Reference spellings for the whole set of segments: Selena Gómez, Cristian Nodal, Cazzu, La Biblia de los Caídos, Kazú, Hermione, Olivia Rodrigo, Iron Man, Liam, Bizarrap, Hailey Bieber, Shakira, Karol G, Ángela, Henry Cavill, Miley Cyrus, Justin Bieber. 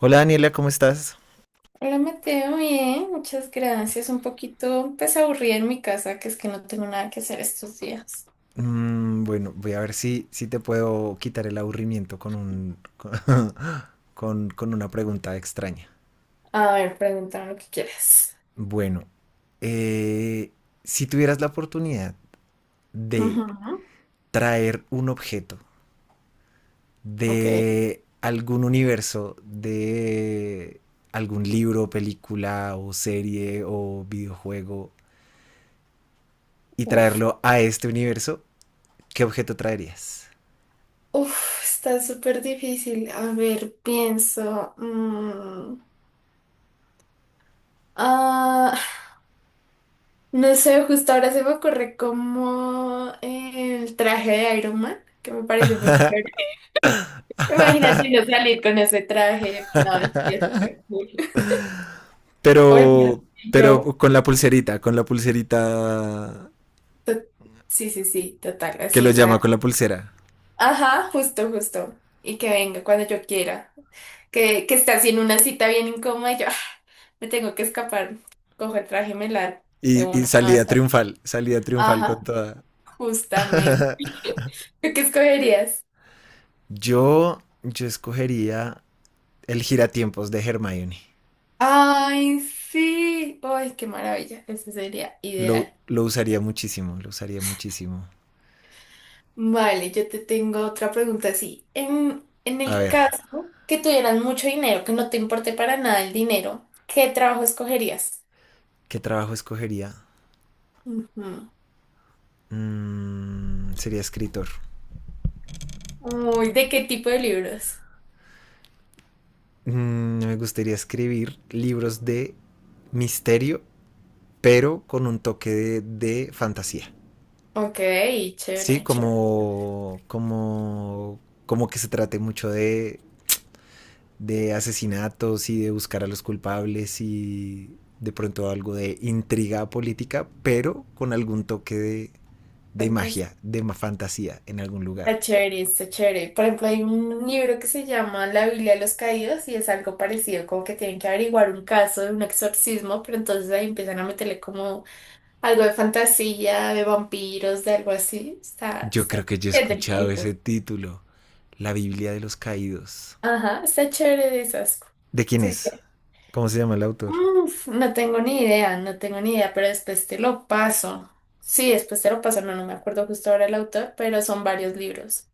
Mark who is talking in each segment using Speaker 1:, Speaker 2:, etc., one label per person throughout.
Speaker 1: Hola Daniela, ¿cómo estás?
Speaker 2: Hola Mateo, bien, muchas gracias. Un poquito, pues aburrida en mi casa, que es que no tengo nada que hacer estos días.
Speaker 1: Mm, bueno, voy a ver si te puedo quitar el aburrimiento con un, con, con una pregunta extraña.
Speaker 2: A ver, pregúntame lo que quieras.
Speaker 1: Bueno, eh, si tuvieras la oportunidad de
Speaker 2: Ujú.
Speaker 1: traer un objeto
Speaker 2: Ok.
Speaker 1: de algún universo, de algún libro, película o serie o videojuego y
Speaker 2: Uf.
Speaker 1: traerlo a este universo, ¿qué objeto traerías?
Speaker 2: Uf, está súper difícil. A ver, pienso. Ah, no sé, justo ahora se me ocurre como el traje de Iron Man, que me parece muy chévere. Imagínate no salir con ese traje. No, estaría súper cool. Oye,
Speaker 1: Pero, pero
Speaker 2: yo.
Speaker 1: con la pulserita
Speaker 2: to- sí, sí, sí, total,
Speaker 1: que
Speaker 2: así,
Speaker 1: lo
Speaker 2: o sea,
Speaker 1: llama, con la pulsera.
Speaker 2: ajá, justo, justo, y que venga cuando yo quiera, que está haciendo una cita bien incómoda y yo, me tengo que escapar, cojo el traje y me largo de
Speaker 1: Y
Speaker 2: una, no,
Speaker 1: salida triunfal con
Speaker 2: ajá,
Speaker 1: toda.
Speaker 2: justamente. ¿Tú qué escogerías?
Speaker 1: Yo escogería el giratiempos de Hermione.
Speaker 2: Ay, sí, ay, qué maravilla, eso sería
Speaker 1: Lo,
Speaker 2: ideal.
Speaker 1: lo usaría muchísimo, lo usaría muchísimo.
Speaker 2: Vale, yo te tengo otra pregunta así. En
Speaker 1: A
Speaker 2: el
Speaker 1: ver,
Speaker 2: caso que tuvieras mucho dinero, que no te importe para nada el dinero, ¿qué trabajo escogerías?
Speaker 1: ¿qué trabajo escogería?
Speaker 2: Ujú.
Speaker 1: Mm, sería escritor.
Speaker 2: Uy, ¿de qué tipo de libros?
Speaker 1: Mm, me gustaría escribir libros de misterio, pero con un toque de fantasía.
Speaker 2: Ok,
Speaker 1: Sí,
Speaker 2: chévere, chévere.
Speaker 1: como que se trate mucho de asesinatos y de buscar a los culpables y de pronto algo de intriga política, pero con algún toque de
Speaker 2: Fantástico.
Speaker 1: magia, de fantasía en algún
Speaker 2: Está
Speaker 1: lugar.
Speaker 2: chévere, está chévere. Por ejemplo, hay un libro que se llama La Biblia de los Caídos y es algo parecido, como que tienen que averiguar un caso de un exorcismo, pero entonces ahí empiezan a meterle como algo de fantasía, de vampiros, de algo así.
Speaker 1: Yo creo que yo he
Speaker 2: Es del
Speaker 1: escuchado
Speaker 2: tipo.
Speaker 1: ese título, La Biblia de los Caídos.
Speaker 2: Ajá, está chévere de esas.
Speaker 1: ¿De quién
Speaker 2: Sí,
Speaker 1: es? ¿Cómo se llama el autor?
Speaker 2: uf, no tengo ni idea, no tengo ni idea, pero después te lo paso. Sí, después te lo paso, no, no me acuerdo justo ahora el autor, pero son varios libros.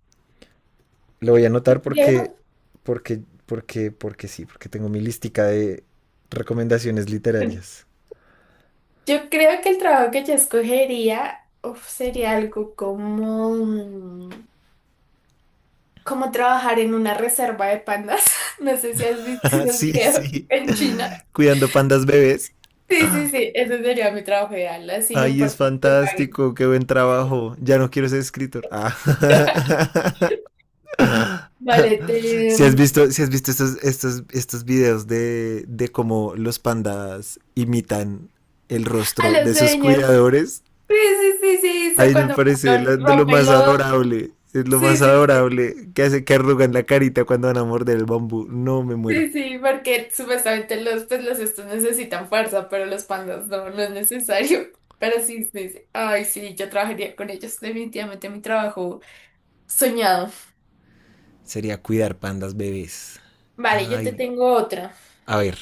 Speaker 1: Lo voy a anotar
Speaker 2: Yo creo,
Speaker 1: porque sí, porque tengo mi lística de recomendaciones literarias.
Speaker 2: yo creo que el trabajo que yo escogería, uf, sería algo como, como trabajar en una reserva de pandas. No sé si has visto los
Speaker 1: Sí,
Speaker 2: videos
Speaker 1: sí.
Speaker 2: en China.
Speaker 1: Cuidando pandas bebés.
Speaker 2: Sí, sí, sí, ese sería mi trabajo ideal, así no
Speaker 1: Ay, es
Speaker 2: importa que paguen.
Speaker 1: fantástico, qué buen trabajo. Ya no quiero ser escritor. Ah.
Speaker 2: Vale, te...
Speaker 1: Si has visto estos videos de cómo los pandas imitan el
Speaker 2: A
Speaker 1: rostro
Speaker 2: los
Speaker 1: de sus
Speaker 2: dueños.
Speaker 1: cuidadores,
Speaker 2: Sí, sí, sí, sí, o sea,
Speaker 1: ahí me
Speaker 2: cuando
Speaker 1: parece
Speaker 2: lo
Speaker 1: de lo
Speaker 2: rompen
Speaker 1: más
Speaker 2: los...
Speaker 1: adorable. Es lo
Speaker 2: Sí,
Speaker 1: más
Speaker 2: sí, sí,
Speaker 1: adorable que hace que arrugan la carita cuando van a morder el bambú. No me muero.
Speaker 2: sí, sí, porque supuestamente los, pues, los estos necesitan fuerza, pero los pandas no, no es necesario. Pero sí, sí, sí. Ay, sí, yo trabajaría con ellos, definitivamente mi trabajo soñado.
Speaker 1: Sería cuidar pandas bebés.
Speaker 2: Vale, yo te
Speaker 1: Ay,
Speaker 2: tengo otra.
Speaker 1: a ver.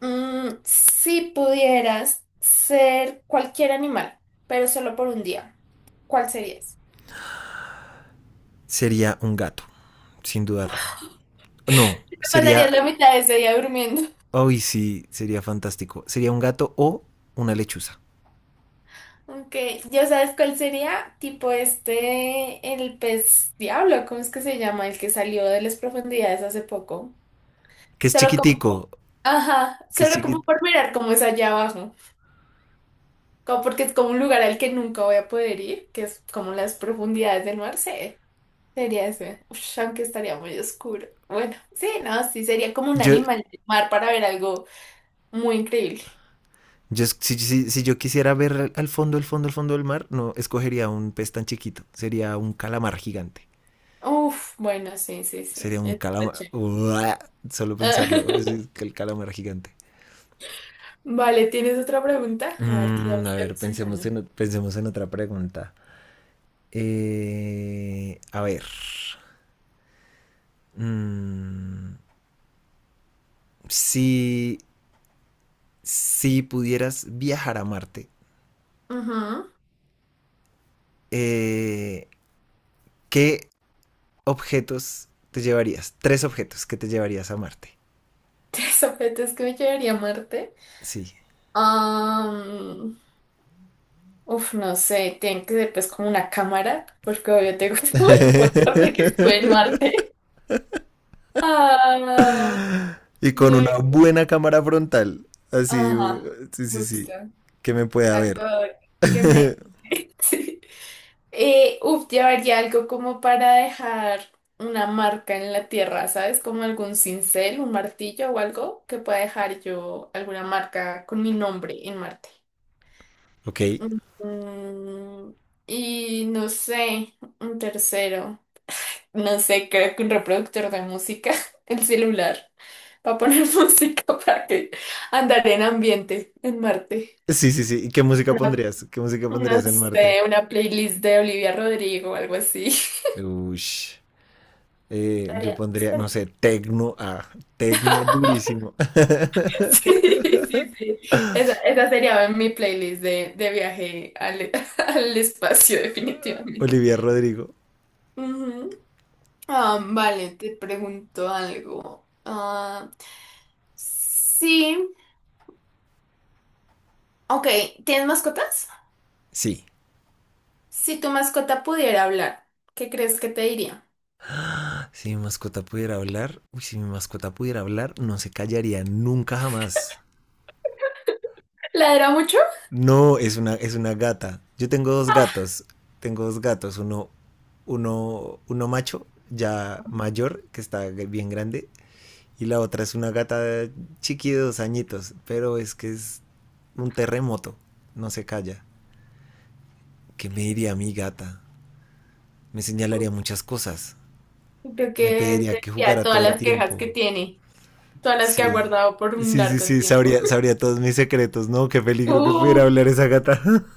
Speaker 2: Mm, si pudieras ser cualquier animal, pero solo por un día, ¿cuál serías?
Speaker 1: Sería un gato, sin dudarlo. No,
Speaker 2: Te
Speaker 1: sería...
Speaker 2: pasarías la mitad de ese día durmiendo.
Speaker 1: Uy, sí, sería fantástico. Sería un gato o una lechuza.
Speaker 2: Ok, ¿ya sabes cuál sería? Tipo este, el pez diablo, ¿cómo es que se llama? El que salió de las profundidades hace poco.
Speaker 1: Que es
Speaker 2: Solo
Speaker 1: chiquitico,
Speaker 2: como, ajá,
Speaker 1: que es
Speaker 2: solo como por mirar cómo es allá abajo. Como porque es como un lugar al que nunca voy a poder ir, que es como las profundidades del mar, sí. Sería ese. Ush, aunque estaría muy oscuro. Bueno, sí, no, sí, sería como un
Speaker 1: Yo,
Speaker 2: animal del mar para ver algo muy increíble.
Speaker 1: yo, si yo quisiera ver al fondo, el fondo, el fondo del mar, no escogería un pez tan chiquito. Sería un calamar gigante.
Speaker 2: Uf, bueno, sí, sí, sí.
Speaker 1: Sería un
Speaker 2: Está
Speaker 1: calamar. Uah, solo pensarlo,
Speaker 2: chévere.
Speaker 1: es que el calamar gigante.
Speaker 2: Vale, ¿tienes otra pregunta? A ver, que ya me
Speaker 1: Mm, a
Speaker 2: estoy
Speaker 1: ver, pensemos
Speaker 2: emocionando.
Speaker 1: en, pensemos en otra pregunta. A ver. Mm, si, si pudieras viajar a Marte,
Speaker 2: Ajá.
Speaker 1: eh, ¿qué objetos te llevarías? Tres objetos que te llevarías a Marte.
Speaker 2: Tres objetos que me llevaría a Marte.
Speaker 1: Sí.
Speaker 2: Am, uf, no sé, tienen que ser pues como una cámara, porque obvio tengo todo el motor de que estuve en Marte. Ah,
Speaker 1: Y con una
Speaker 2: luego,
Speaker 1: buena cámara frontal. Así,
Speaker 2: ajá,
Speaker 1: sí, sí,
Speaker 2: justo.
Speaker 1: sí. Que me pueda
Speaker 2: Algo
Speaker 1: ver.
Speaker 2: que me... Sí. Uf, llevaría algo como para dejar una marca en la tierra, ¿sabes? Como algún cincel, un martillo o algo que pueda dejar yo alguna marca con mi nombre en Marte.
Speaker 1: Ok.
Speaker 2: Mm, y no sé, un tercero. No sé, creo que un reproductor de música, el celular, para poner música para que andar en ambiente en Marte.
Speaker 1: Sí, sí, sí. ¿Y qué música
Speaker 2: Una-
Speaker 1: pondrías? ¿Qué música pondrías
Speaker 2: no
Speaker 1: en Marte?
Speaker 2: sé, una playlist de Olivia Rodrigo o algo así.
Speaker 1: Uy. Yo
Speaker 2: Estaría-
Speaker 1: pondría, no sé, tecno durísimo.
Speaker 2: Sí, sí, sí. Esa sería mi playlist de viaje al, al espacio, definitivamente.
Speaker 1: Olivia Rodrigo.
Speaker 2: Ujú. Ah, vale, te pregunto algo. Sí. Ok, ¿tienes mascotas?
Speaker 1: Sí.
Speaker 2: Si tu mascota pudiera hablar, ¿qué crees que te diría?
Speaker 1: Si mi mascota pudiera hablar, uy, si mi mascota pudiera hablar, no se callaría nunca jamás.
Speaker 2: ¿Ladra mucho?
Speaker 1: No, es una gata. Yo tengo dos gatos. Tengo dos gatos. Uno macho, ya mayor, que está bien grande. Y la otra es una gata chiqui de dos añitos. Pero es que es un terremoto. No se calla. ¿Qué me diría mi gata? Me señalaría muchas cosas.
Speaker 2: Creo
Speaker 1: Me
Speaker 2: que
Speaker 1: pediría
Speaker 2: te
Speaker 1: que
Speaker 2: diría
Speaker 1: jugara todo
Speaker 2: todas
Speaker 1: el
Speaker 2: las quejas que
Speaker 1: tiempo.
Speaker 2: tiene, todas las que ha
Speaker 1: Sí.
Speaker 2: guardado por un
Speaker 1: Sí, sí,
Speaker 2: largo
Speaker 1: sí,
Speaker 2: tiempo.
Speaker 1: sabría todos mis secretos, ¿no? Qué peligro que pudiera
Speaker 2: Uh,
Speaker 1: hablar esa gata.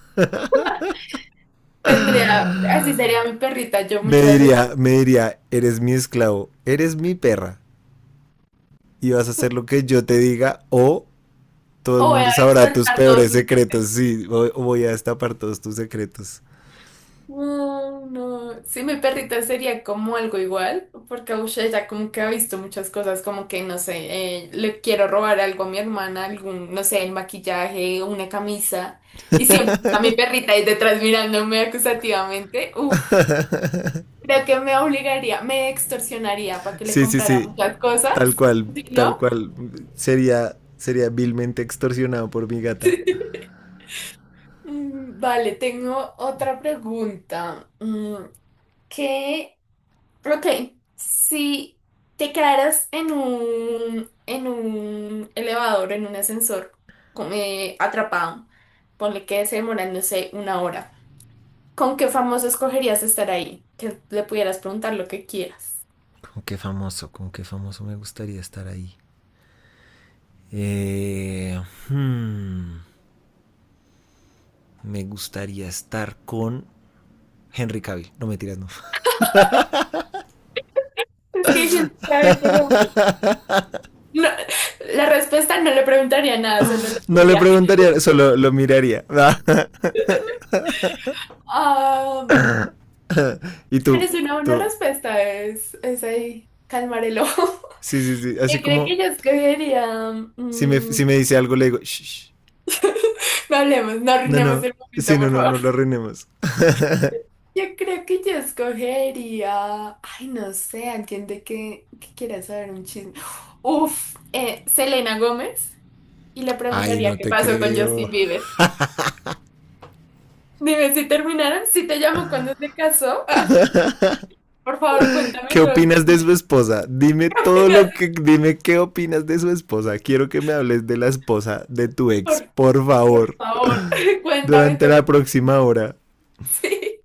Speaker 2: tendría, así sería mi perrita. Yo muchas
Speaker 1: Me diría, eres mi esclavo, eres mi perra, y vas a hacer lo que yo te diga, o todo el
Speaker 2: o voy a
Speaker 1: mundo sabrá tus
Speaker 2: sacar todos
Speaker 1: peores secretos. Sí, voy a destapar todos tus secretos.
Speaker 2: no, no. Sí, mi perrita sería como algo igual, porque ush, ella como que ha visto muchas cosas, como que, no sé, le quiero robar algo a mi hermana, algún, no sé, el maquillaje, una camisa, y siempre a mi perrita ahí detrás mirándome acusativamente. Uf, creo que me obligaría, me extorsionaría para que le
Speaker 1: Sí, sí,
Speaker 2: comprara
Speaker 1: sí.
Speaker 2: muchas
Speaker 1: Tal
Speaker 2: cosas,
Speaker 1: cual,
Speaker 2: ¿sí,
Speaker 1: tal
Speaker 2: no?
Speaker 1: cual. Sería vilmente extorsionado por mi gata.
Speaker 2: Mm, vale, tengo otra pregunta. Mm, ¿qué? Ok, si te quedaras en un elevador, en un ascensor, atrapado, ponle que se demoran, no sé, una hora, ¿con qué famoso escogerías estar ahí? Que le pudieras preguntar lo que quieras.
Speaker 1: ¿Con qué famoso? ¿Con qué famoso me gustaría estar ahí? Eh, hmm. Me gustaría estar con Henry Cavill. No me tiras, no.
Speaker 2: Es que siento que, ay, por favor. No, la respuesta no le preguntaría nada, solo le
Speaker 1: No le
Speaker 2: diría.
Speaker 1: preguntaría, solo lo miraría.
Speaker 2: Ah,
Speaker 1: Y
Speaker 2: pero
Speaker 1: tú,
Speaker 2: es una buena
Speaker 1: tú.
Speaker 2: respuesta, es ahí, calmar el ojo.
Speaker 1: Sí, sí, sí.
Speaker 2: Yo
Speaker 1: Así
Speaker 2: creo
Speaker 1: como
Speaker 2: que yo escogería. Mm,
Speaker 1: si me dice algo, le digo, shh.
Speaker 2: no hablemos, no
Speaker 1: No,
Speaker 2: arruinemos
Speaker 1: no.
Speaker 2: el
Speaker 1: Sí,
Speaker 2: momento,
Speaker 1: no,
Speaker 2: por
Speaker 1: no,
Speaker 2: favor.
Speaker 1: no lo arruinemos.
Speaker 2: Yo creo que yo escogería, ay, no sé, alguien de que quiera saber un chisme. Uf, Selena Gómez y le
Speaker 1: Ay,
Speaker 2: preguntaría
Speaker 1: no
Speaker 2: qué
Speaker 1: te
Speaker 2: pasó con
Speaker 1: creo.
Speaker 2: Justin Bieber. Dime si terminaron, si te llamo cuando se casó. Ah, por favor,
Speaker 1: ¿Qué
Speaker 2: cuéntame todo el
Speaker 1: opinas de
Speaker 2: chisme.
Speaker 1: su esposa? Dime
Speaker 2: ¿Qué
Speaker 1: todo
Speaker 2: opinas?
Speaker 1: lo que. Dime qué opinas de su esposa. Quiero que me hables de la esposa de tu ex,
Speaker 2: Por,
Speaker 1: por
Speaker 2: por
Speaker 1: favor.
Speaker 2: favor, cuéntame
Speaker 1: Durante
Speaker 2: todo
Speaker 1: la
Speaker 2: el-
Speaker 1: próxima hora.
Speaker 2: Sí.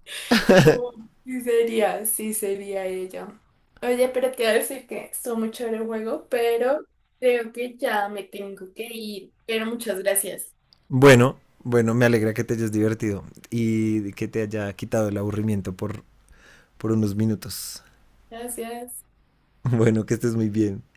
Speaker 2: Oh, sí sería ella. Oye, pero te voy a decir que estuvo muy chévere el juego, pero creo que ya me tengo que ir. Pero muchas gracias.
Speaker 1: Bueno, bueno, me alegra que te hayas divertido y que te haya quitado el aburrimiento por unos minutos.
Speaker 2: Gracias.
Speaker 1: Bueno, que estés muy bien.